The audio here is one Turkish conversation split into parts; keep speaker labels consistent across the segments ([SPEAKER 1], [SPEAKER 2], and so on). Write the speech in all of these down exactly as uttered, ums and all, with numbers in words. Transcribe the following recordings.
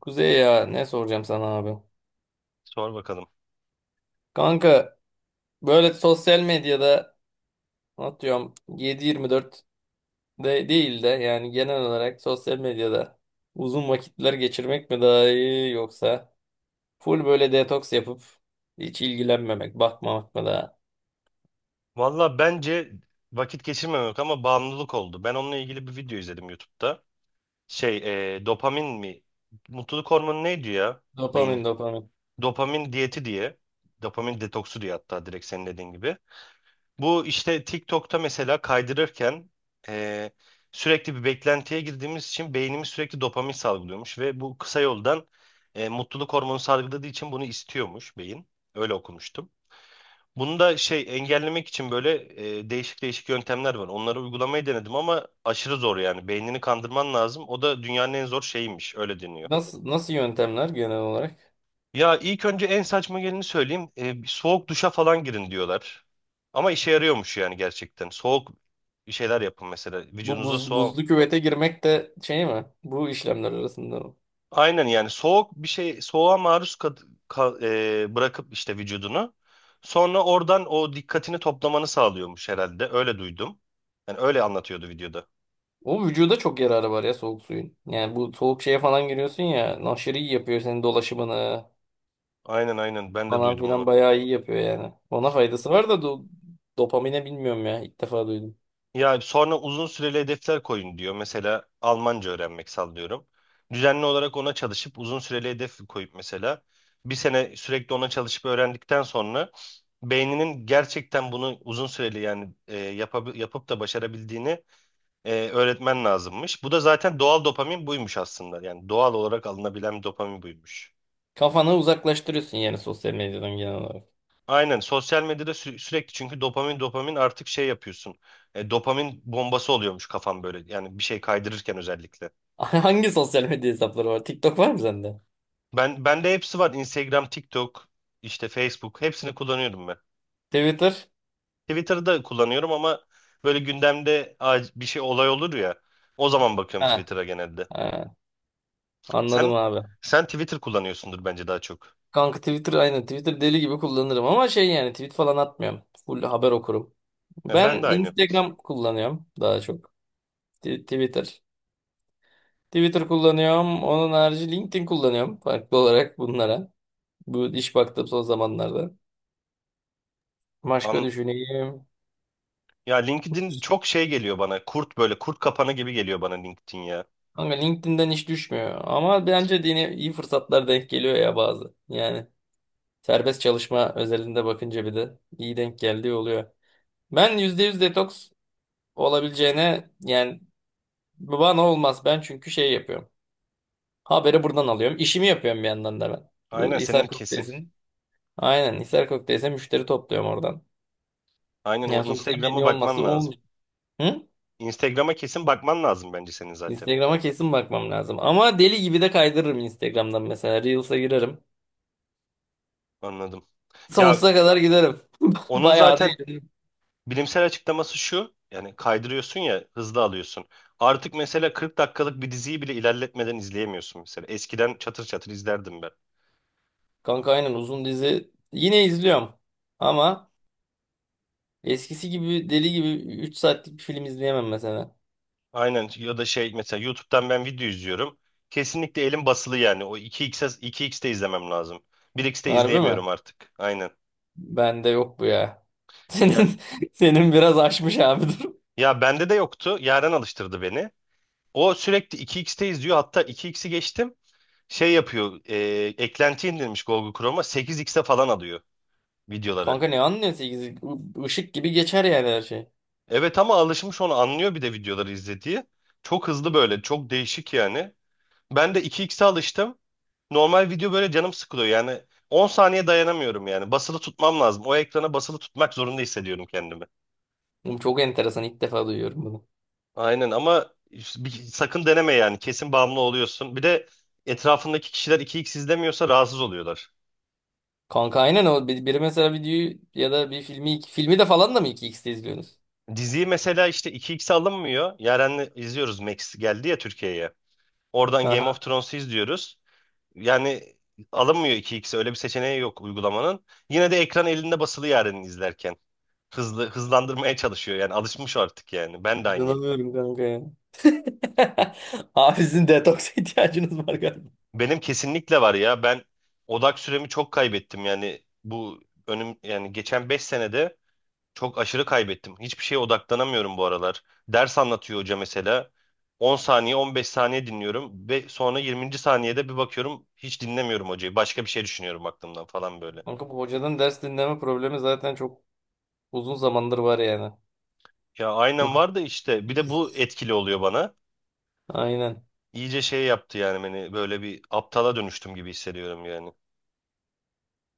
[SPEAKER 1] Kuzey ya ne soracağım sana abi?
[SPEAKER 2] Sor bakalım.
[SPEAKER 1] Kanka böyle sosyal medyada atıyorum yedi yirmi dört de değil de yani genel olarak sosyal medyada uzun vakitler geçirmek mi daha iyi yoksa full böyle detoks yapıp hiç ilgilenmemek, bakmamak mı daha?
[SPEAKER 2] Valla bence vakit geçirmemek ama bağımlılık oldu. Ben onunla ilgili bir video izledim YouTube'da. Şey, e, dopamin mi? Mutluluk hormonu neydi ya? Beyin.
[SPEAKER 1] Dopamin dopamin.
[SPEAKER 2] Dopamin diyeti diye. Dopamin detoksu diye, hatta direkt senin dediğin gibi. Bu işte TikTok'ta mesela kaydırırken e, sürekli bir beklentiye girdiğimiz için beynimiz sürekli dopamin salgılıyormuş, ve bu kısa yoldan e, mutluluk hormonu salgıladığı için bunu istiyormuş beyin. Öyle okumuştum. Bunu da şey engellemek için böyle e, değişik değişik yöntemler var. Onları uygulamayı denedim ama aşırı zor yani. Beynini kandırman lazım. O da dünyanın en zor şeyiymiş. Öyle deniyor.
[SPEAKER 1] Nasıl nasıl yöntemler genel olarak?
[SPEAKER 2] Ya ilk önce en saçma geleni söyleyeyim. E, bir soğuk duşa falan girin diyorlar. Ama işe yarıyormuş yani, gerçekten. Soğuk bir şeyler yapın mesela.
[SPEAKER 1] Bu
[SPEAKER 2] Vücudunuza
[SPEAKER 1] buz,
[SPEAKER 2] soğuk.
[SPEAKER 1] buzlu küvete girmek de şey mi? Bu işlemler arasında.
[SPEAKER 2] Aynen, yani soğuk bir şey, soğuğa maruz kad- ka- e, bırakıp işte vücudunu. Sonra oradan o dikkatini toplamanı sağlıyormuş herhalde. Öyle duydum. Yani öyle anlatıyordu videoda.
[SPEAKER 1] O vücuda çok yararı var ya soğuk suyun. Yani bu soğuk şeye falan giriyorsun ya. Aşırı iyi yapıyor senin dolaşımını
[SPEAKER 2] Aynen aynen, ben de
[SPEAKER 1] falan
[SPEAKER 2] duydum
[SPEAKER 1] filan
[SPEAKER 2] onu.
[SPEAKER 1] bayağı iyi yapıyor yani. Ona faydası var da do- dopamine bilmiyorum ya. İlk defa duydum.
[SPEAKER 2] Ya sonra uzun süreli hedefler koyun diyor. Mesela Almanca öğrenmek, sallıyorum. Düzenli olarak ona çalışıp uzun süreli hedef koyup, mesela bir sene sürekli ona çalışıp öğrendikten sonra beyninin gerçekten bunu uzun süreli, yani e, yapab- yapıp da başarabildiğini e, öğretmen lazımmış. Bu da zaten doğal dopamin buymuş aslında. Yani doğal olarak alınabilen dopamin buymuş.
[SPEAKER 1] Kafanı uzaklaştırıyorsun yani sosyal medyadan genel olarak.
[SPEAKER 2] Aynen, sosyal medyada sü- sürekli, çünkü dopamin dopamin artık şey yapıyorsun. E, dopamin bombası oluyormuş kafam böyle. Yani bir şey kaydırırken özellikle.
[SPEAKER 1] Hangi sosyal medya hesapları var? TikTok var mı sende?
[SPEAKER 2] Ben bende hepsi var. Instagram, TikTok, işte Facebook, hepsini kullanıyorum ben.
[SPEAKER 1] Twitter?
[SPEAKER 2] Twitter'ı da kullanıyorum ama böyle gündemde ac- bir şey, olay olur ya. O zaman bakıyorum
[SPEAKER 1] Ha.
[SPEAKER 2] Twitter'a genelde.
[SPEAKER 1] Ha.
[SPEAKER 2] Sen
[SPEAKER 1] Anladım abi.
[SPEAKER 2] sen Twitter kullanıyorsundur bence daha çok.
[SPEAKER 1] Kanka Twitter aynı. Twitter deli gibi kullanırım ama şey yani tweet falan atmıyorum. Full haber okurum.
[SPEAKER 2] E,
[SPEAKER 1] Ben
[SPEAKER 2] ben de aynı.
[SPEAKER 1] Instagram kullanıyorum daha çok. T- Twitter. Twitter kullanıyorum. Onun harici LinkedIn kullanıyorum. Farklı olarak bunlara. Bu iş baktım son zamanlarda. Başka
[SPEAKER 2] An
[SPEAKER 1] düşüneyim.
[SPEAKER 2] ya LinkedIn çok şey geliyor bana. Kurt, böyle kurt kapanı gibi geliyor bana LinkedIn ya.
[SPEAKER 1] Ama LinkedIn'den iş düşmüyor. Ama bence de yine iyi fırsatlar denk geliyor ya bazı. Yani serbest çalışma özelinde bakınca bir de iyi denk geldiği oluyor. Ben yüzde yüz detoks olabileceğine yani bana olmaz. Ben çünkü şey yapıyorum. Haberi buradan alıyorum. İşimi yapıyorum bir yandan da ben. Bu
[SPEAKER 2] Aynen, senin
[SPEAKER 1] Hisar
[SPEAKER 2] kesin.
[SPEAKER 1] Kokteys'in. Aynen Hisar Kokteys'e müşteri topluyorum oradan.
[SPEAKER 2] Aynen, o
[SPEAKER 1] Yani sosyal
[SPEAKER 2] Instagram'a
[SPEAKER 1] medya olmazsa
[SPEAKER 2] bakman lazım.
[SPEAKER 1] olmuyor. Hı?
[SPEAKER 2] Instagram'a kesin bakman lazım bence senin zaten.
[SPEAKER 1] Instagram'a kesin bakmam lazım. Ama deli gibi de kaydırırım Instagram'dan mesela. Reels'a girerim.
[SPEAKER 2] Anladım. Ya
[SPEAKER 1] Sonsuza kadar giderim.
[SPEAKER 2] onun
[SPEAKER 1] Bayağı da
[SPEAKER 2] zaten
[SPEAKER 1] eğlenirim.
[SPEAKER 2] bilimsel açıklaması şu. Yani kaydırıyorsun ya, hızlı alıyorsun. Artık mesela kırk dakikalık bir diziyi bile ilerletmeden izleyemiyorsun mesela. Eskiden çatır çatır izlerdim ben.
[SPEAKER 1] Kanka aynen uzun dizi. Yine izliyorum. Ama eskisi gibi deli gibi üç saatlik bir film izleyemem mesela.
[SPEAKER 2] Aynen, ya da şey mesela YouTube'dan ben video izliyorum. Kesinlikle elim basılı yani. O 2x'e 2x'te izlemem lazım. 1x'te
[SPEAKER 1] Harbi mi?
[SPEAKER 2] izleyemiyorum artık. Aynen.
[SPEAKER 1] Bende yok bu ya.
[SPEAKER 2] Ya
[SPEAKER 1] Senin senin biraz aşmış abi dur.
[SPEAKER 2] ya bende de yoktu. Yaren alıştırdı beni. O sürekli iki x'teyiz'teyiz diyor. Hatta 2x'i geçtim. Şey yapıyor. E, eklenti indirmiş Google Chrome'a. 8x'e falan alıyor videoları.
[SPEAKER 1] Kanka ne anlıyorsun? Işık gibi geçer yani her şey.
[SPEAKER 2] Evet, ama alışmış, onu anlıyor, bir de videoları izlediği. Çok hızlı böyle. Çok değişik yani. Ben de 2x'e alıştım. Normal video böyle canım sıkılıyor. Yani on saniye dayanamıyorum yani. Basılı tutmam lazım. O ekrana basılı tutmak zorunda hissediyorum kendimi.
[SPEAKER 1] Oğlum, çok enteresan. İlk defa duyuyorum.
[SPEAKER 2] Aynen, ama işte bir- sakın deneme yani. Kesin bağımlı oluyorsun. Bir de etrafındaki kişiler iki x izlemiyorsa rahatsız oluyorlar.
[SPEAKER 1] Kanka aynen o. Bir- Biri mesela videoyu ya da bir filmi iki- filmi de falan da mı iki x'te izliyorsunuz?
[SPEAKER 2] Diziyi mesela işte iki x alınmıyor. Yaren'le izliyoruz, Max geldi ya Türkiye'ye. Oradan Game
[SPEAKER 1] Haha.
[SPEAKER 2] of Thrones'u izliyoruz. Yani alınmıyor iki x, öyle bir seçeneği yok uygulamanın. Yine de ekran elinde basılı Yaren'i izlerken. Hızlı, hızlandırmaya çalışıyor yani, alışmış artık yani. Ben de aynıyım.
[SPEAKER 1] İnanamıyorum kanka ya. Abi sizin detoks ihtiyacınız var galiba.
[SPEAKER 2] Benim kesinlikle var ya, ben odak süremi çok kaybettim yani bu önüm yani geçen beş senede. Çok aşırı kaybettim. Hiçbir şeye odaklanamıyorum bu aralar. Ders anlatıyor hoca mesela. on saniye, on beş saniye dinliyorum ve sonra yirminci saniyede bir bakıyorum hiç dinlemiyorum hocayı. Başka bir şey düşünüyorum aklımdan falan böyle.
[SPEAKER 1] Kanka bu hocadan ders dinleme problemi zaten çok uzun zamandır var yani.
[SPEAKER 2] Ya aynen var da, işte bir de bu
[SPEAKER 1] İkisi.
[SPEAKER 2] etkili oluyor bana.
[SPEAKER 1] Aynen.
[SPEAKER 2] İyice şey yaptı yani beni, böyle bir aptala dönüştüm gibi hissediyorum yani.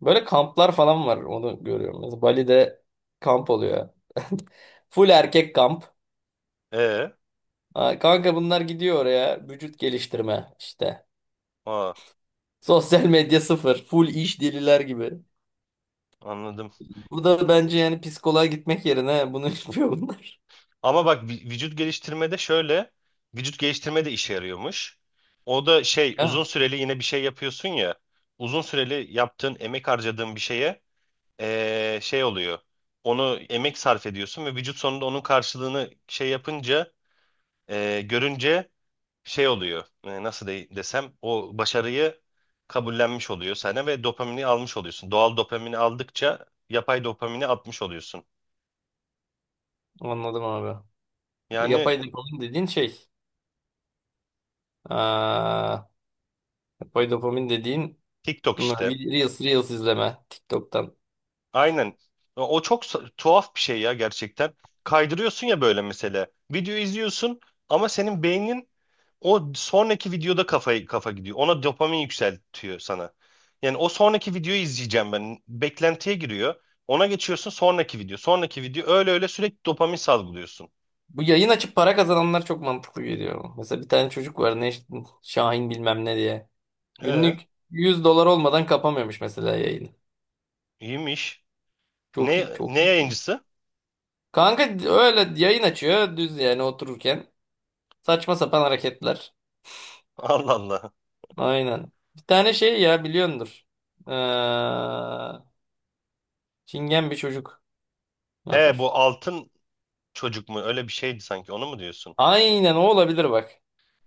[SPEAKER 1] Böyle kamplar falan var onu görüyorum. Mesela Bali'de kamp oluyor. Full erkek kamp.
[SPEAKER 2] E,
[SPEAKER 1] Ha, kanka bunlar gidiyor oraya vücut geliştirme işte.
[SPEAKER 2] aa
[SPEAKER 1] Sosyal medya sıfır. Full iş deliler gibi.
[SPEAKER 2] anladım.
[SPEAKER 1] Burada bence yani psikoloğa gitmek yerine bunu yapıyor bunlar.
[SPEAKER 2] Ama bak vü- vücut geliştirmede şöyle, vücut geliştirme de işe yarıyormuş. O da şey, uzun
[SPEAKER 1] Ha,
[SPEAKER 2] süreli yine bir şey yapıyorsun ya, uzun süreli yaptığın, emek harcadığın bir şeye eee, şey oluyor. Onu emek sarf ediyorsun ve vücut sonunda onun karşılığını şey yapınca, eee, görünce şey oluyor. E, nasıl de- desem, o başarıyı kabullenmiş oluyor sana ve dopamini almış oluyorsun. Doğal dopamini aldıkça yapay dopamini atmış oluyorsun.
[SPEAKER 1] anladım abi. Bu
[SPEAKER 2] Yani
[SPEAKER 1] yapay dopamin dediğin şey. Aa, yapay dopamin dediğin
[SPEAKER 2] TikTok
[SPEAKER 1] m,
[SPEAKER 2] işte.
[SPEAKER 1] Reels, Reels izleme TikTok'tan.
[SPEAKER 2] Aynen. O o çok sa- tuhaf bir şey ya, gerçekten. Kaydırıyorsun ya böyle mesela. Video izliyorsun ama senin beynin o sonraki videoda kafayı kafa gidiyor. Ona dopamin yükseltiyor sana. Yani o sonraki videoyu izleyeceğim ben. Beklentiye giriyor. Ona geçiyorsun sonraki video. Sonraki video, öyle öyle sürekli dopamin salgılıyorsun.
[SPEAKER 1] Bu yayın açıp para kazananlar çok mantıklı geliyor. Mesela bir tane çocuk var ne işte, Şahin bilmem ne diye.
[SPEAKER 2] Ee,
[SPEAKER 1] Günlük yüz dolar olmadan kapamıyormuş mesela yayını.
[SPEAKER 2] iyiymiş.
[SPEAKER 1] Çok
[SPEAKER 2] Ne
[SPEAKER 1] iyi, çok
[SPEAKER 2] ne
[SPEAKER 1] iyi.
[SPEAKER 2] yayıncısı?
[SPEAKER 1] Kanka öyle yayın açıyor düz yani otururken. Saçma sapan hareketler.
[SPEAKER 2] Allah Allah.
[SPEAKER 1] Aynen. Bir tane şey ya biliyordur. Ee, çingen bir çocuk.
[SPEAKER 2] He, bu
[SPEAKER 1] Hafif.
[SPEAKER 2] altın çocuk mu? Öyle bir şeydi sanki. Onu mu diyorsun?
[SPEAKER 1] Aynen o olabilir bak.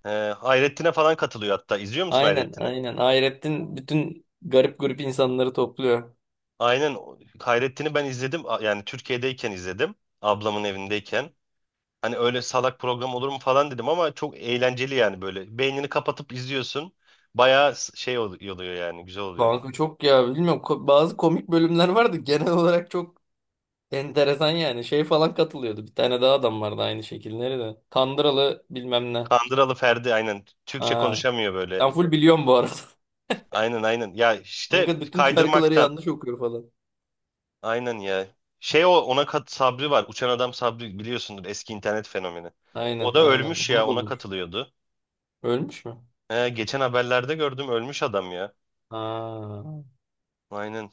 [SPEAKER 2] He, Hayrettin'e falan katılıyor hatta. İzliyor musun
[SPEAKER 1] Aynen,
[SPEAKER 2] Hayrettin'i?
[SPEAKER 1] aynen. Hayrettin bütün garip grup insanları topluyor.
[SPEAKER 2] Aynen, o- Hayrettin'i ben izledim, A- yani Türkiye'deyken izledim, ablamın evindeyken. Hani öyle salak program olur mu falan dedim, ama çok eğlenceli yani, böyle beynini kapatıp izliyorsun. Bayağı s- şey ol- oluyor yani, güzel oluyor.
[SPEAKER 1] Kanka çok ya bilmiyorum. Ko- bazı komik bölümler vardı. Genel olarak çok enteresan yani. Şey falan katılıyordu. Bir tane daha adam vardı aynı şekilleri de. Kandıralı bilmem ne.
[SPEAKER 2] Kandıralı Ferdi, aynen Türkçe
[SPEAKER 1] Ha.
[SPEAKER 2] konuşamıyor böyle.
[SPEAKER 1] Ben full biliyorum bu arada.
[SPEAKER 2] Aynen aynen ya, işte
[SPEAKER 1] Kanka bütün şarkıları
[SPEAKER 2] kaydırmaktan,
[SPEAKER 1] yanlış okuyor falan.
[SPEAKER 2] aynen ya. Şey, o ona kat Sabri var, Uçan Adam Sabri, biliyorsundur, eski internet fenomeni. O
[SPEAKER 1] Aynen,
[SPEAKER 2] da
[SPEAKER 1] aynen.
[SPEAKER 2] ölmüş
[SPEAKER 1] Onu
[SPEAKER 2] ya, ona
[SPEAKER 1] bulmuş.
[SPEAKER 2] katılıyordu.
[SPEAKER 1] Ölmüş mü?
[SPEAKER 2] He, geçen haberlerde gördüm, ölmüş adam ya.
[SPEAKER 1] Ha.
[SPEAKER 2] Aynen.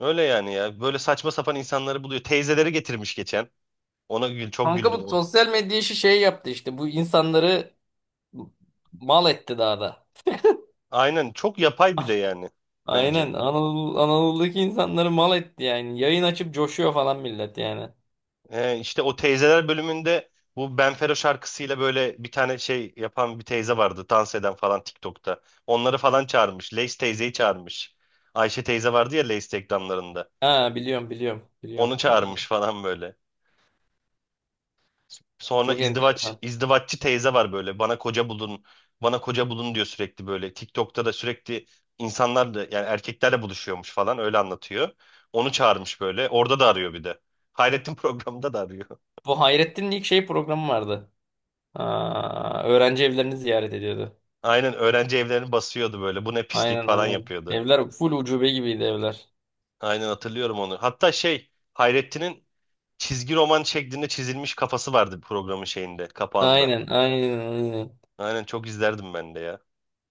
[SPEAKER 2] Öyle yani ya. Böyle saçma sapan insanları buluyor. Teyzeleri getirmiş geçen. Ona gül, çok
[SPEAKER 1] Kanka
[SPEAKER 2] güldüm
[SPEAKER 1] bu
[SPEAKER 2] o.
[SPEAKER 1] sosyal medya işi şey yaptı işte. Bu insanları mal etti daha da.
[SPEAKER 2] Aynen, çok yapay bir de yani, bence.
[SPEAKER 1] Aynen Anadolu, Anadolu'daki insanları mal etti yani. Yayın açıp coşuyor falan millet yani.
[SPEAKER 2] Ee, işte o teyzeler bölümünde bu Benfero şarkısıyla böyle bir tane şey yapan bir teyze vardı. Dans eden falan TikTok'ta. Onları falan çağırmış. Lace teyzeyi çağırmış. Ayşe teyze vardı ya Lace reklamlarında.
[SPEAKER 1] Ha, biliyorum biliyorum
[SPEAKER 2] Onu
[SPEAKER 1] biliyorum o kadar.
[SPEAKER 2] çağırmış falan böyle. Sonra
[SPEAKER 1] Çok
[SPEAKER 2] izdivaç,
[SPEAKER 1] enteresan.
[SPEAKER 2] izdivaççı teyze var böyle. Bana koca bulun, bana koca bulun diyor sürekli böyle. TikTok'ta da sürekli insanlar da yani erkeklerle buluşuyormuş falan, öyle anlatıyor. Onu çağırmış böyle. Orada da arıyor bir de. Hayrettin programında da arıyor.
[SPEAKER 1] Bu Hayrettin'in ilk şey programı vardı. Aa, öğrenci evlerini ziyaret ediyordu.
[SPEAKER 2] Aynen, öğrenci evlerini basıyordu böyle. Bu ne pislik
[SPEAKER 1] Aynen,
[SPEAKER 2] falan
[SPEAKER 1] aynen.
[SPEAKER 2] yapıyordu.
[SPEAKER 1] Evler full ucube gibiydi evler.
[SPEAKER 2] Aynen, hatırlıyorum onu. Hatta şey, Hayrettin'in çizgi roman şeklinde çizilmiş kafası vardı programın şeyinde, kapağında.
[SPEAKER 1] Aynen, aynen, aynen.
[SPEAKER 2] Aynen, çok izlerdim ben de ya.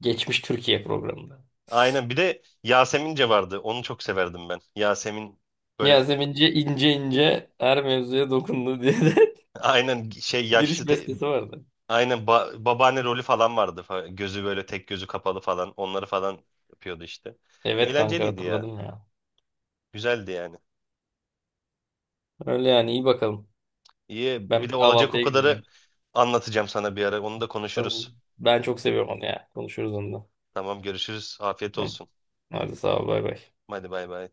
[SPEAKER 1] Geçmiş Türkiye programında.
[SPEAKER 2] Aynen, bir de Yasemince vardı. Onu çok severdim ben. Yasemin böyle
[SPEAKER 1] Yasemince ince ince her mevzuya dokundu diye de.
[SPEAKER 2] aynen şey yaşlı
[SPEAKER 1] Giriş
[SPEAKER 2] te-
[SPEAKER 1] bestesi vardı.
[SPEAKER 2] aynen ba- babaanne rolü falan vardı. Fa- Gözü böyle, tek gözü kapalı falan. Onları falan yapıyordu işte.
[SPEAKER 1] Evet kanka
[SPEAKER 2] Eğlenceliydi ya.
[SPEAKER 1] hatırladım ya.
[SPEAKER 2] Güzeldi yani.
[SPEAKER 1] Öyle yani, iyi bakalım.
[SPEAKER 2] İyi,
[SPEAKER 1] Ben
[SPEAKER 2] bir de
[SPEAKER 1] bir
[SPEAKER 2] olacak o
[SPEAKER 1] kahvaltıya gideceğim.
[SPEAKER 2] kadarı anlatacağım sana bir ara. Onu da
[SPEAKER 1] Tamam.
[SPEAKER 2] konuşuruz.
[SPEAKER 1] Ben çok seviyorum onu ya. Konuşuruz onunla.
[SPEAKER 2] Tamam, görüşürüz. Afiyet
[SPEAKER 1] Hı.
[SPEAKER 2] olsun.
[SPEAKER 1] Hadi sağ ol, bay bay.
[SPEAKER 2] Hadi bay bay.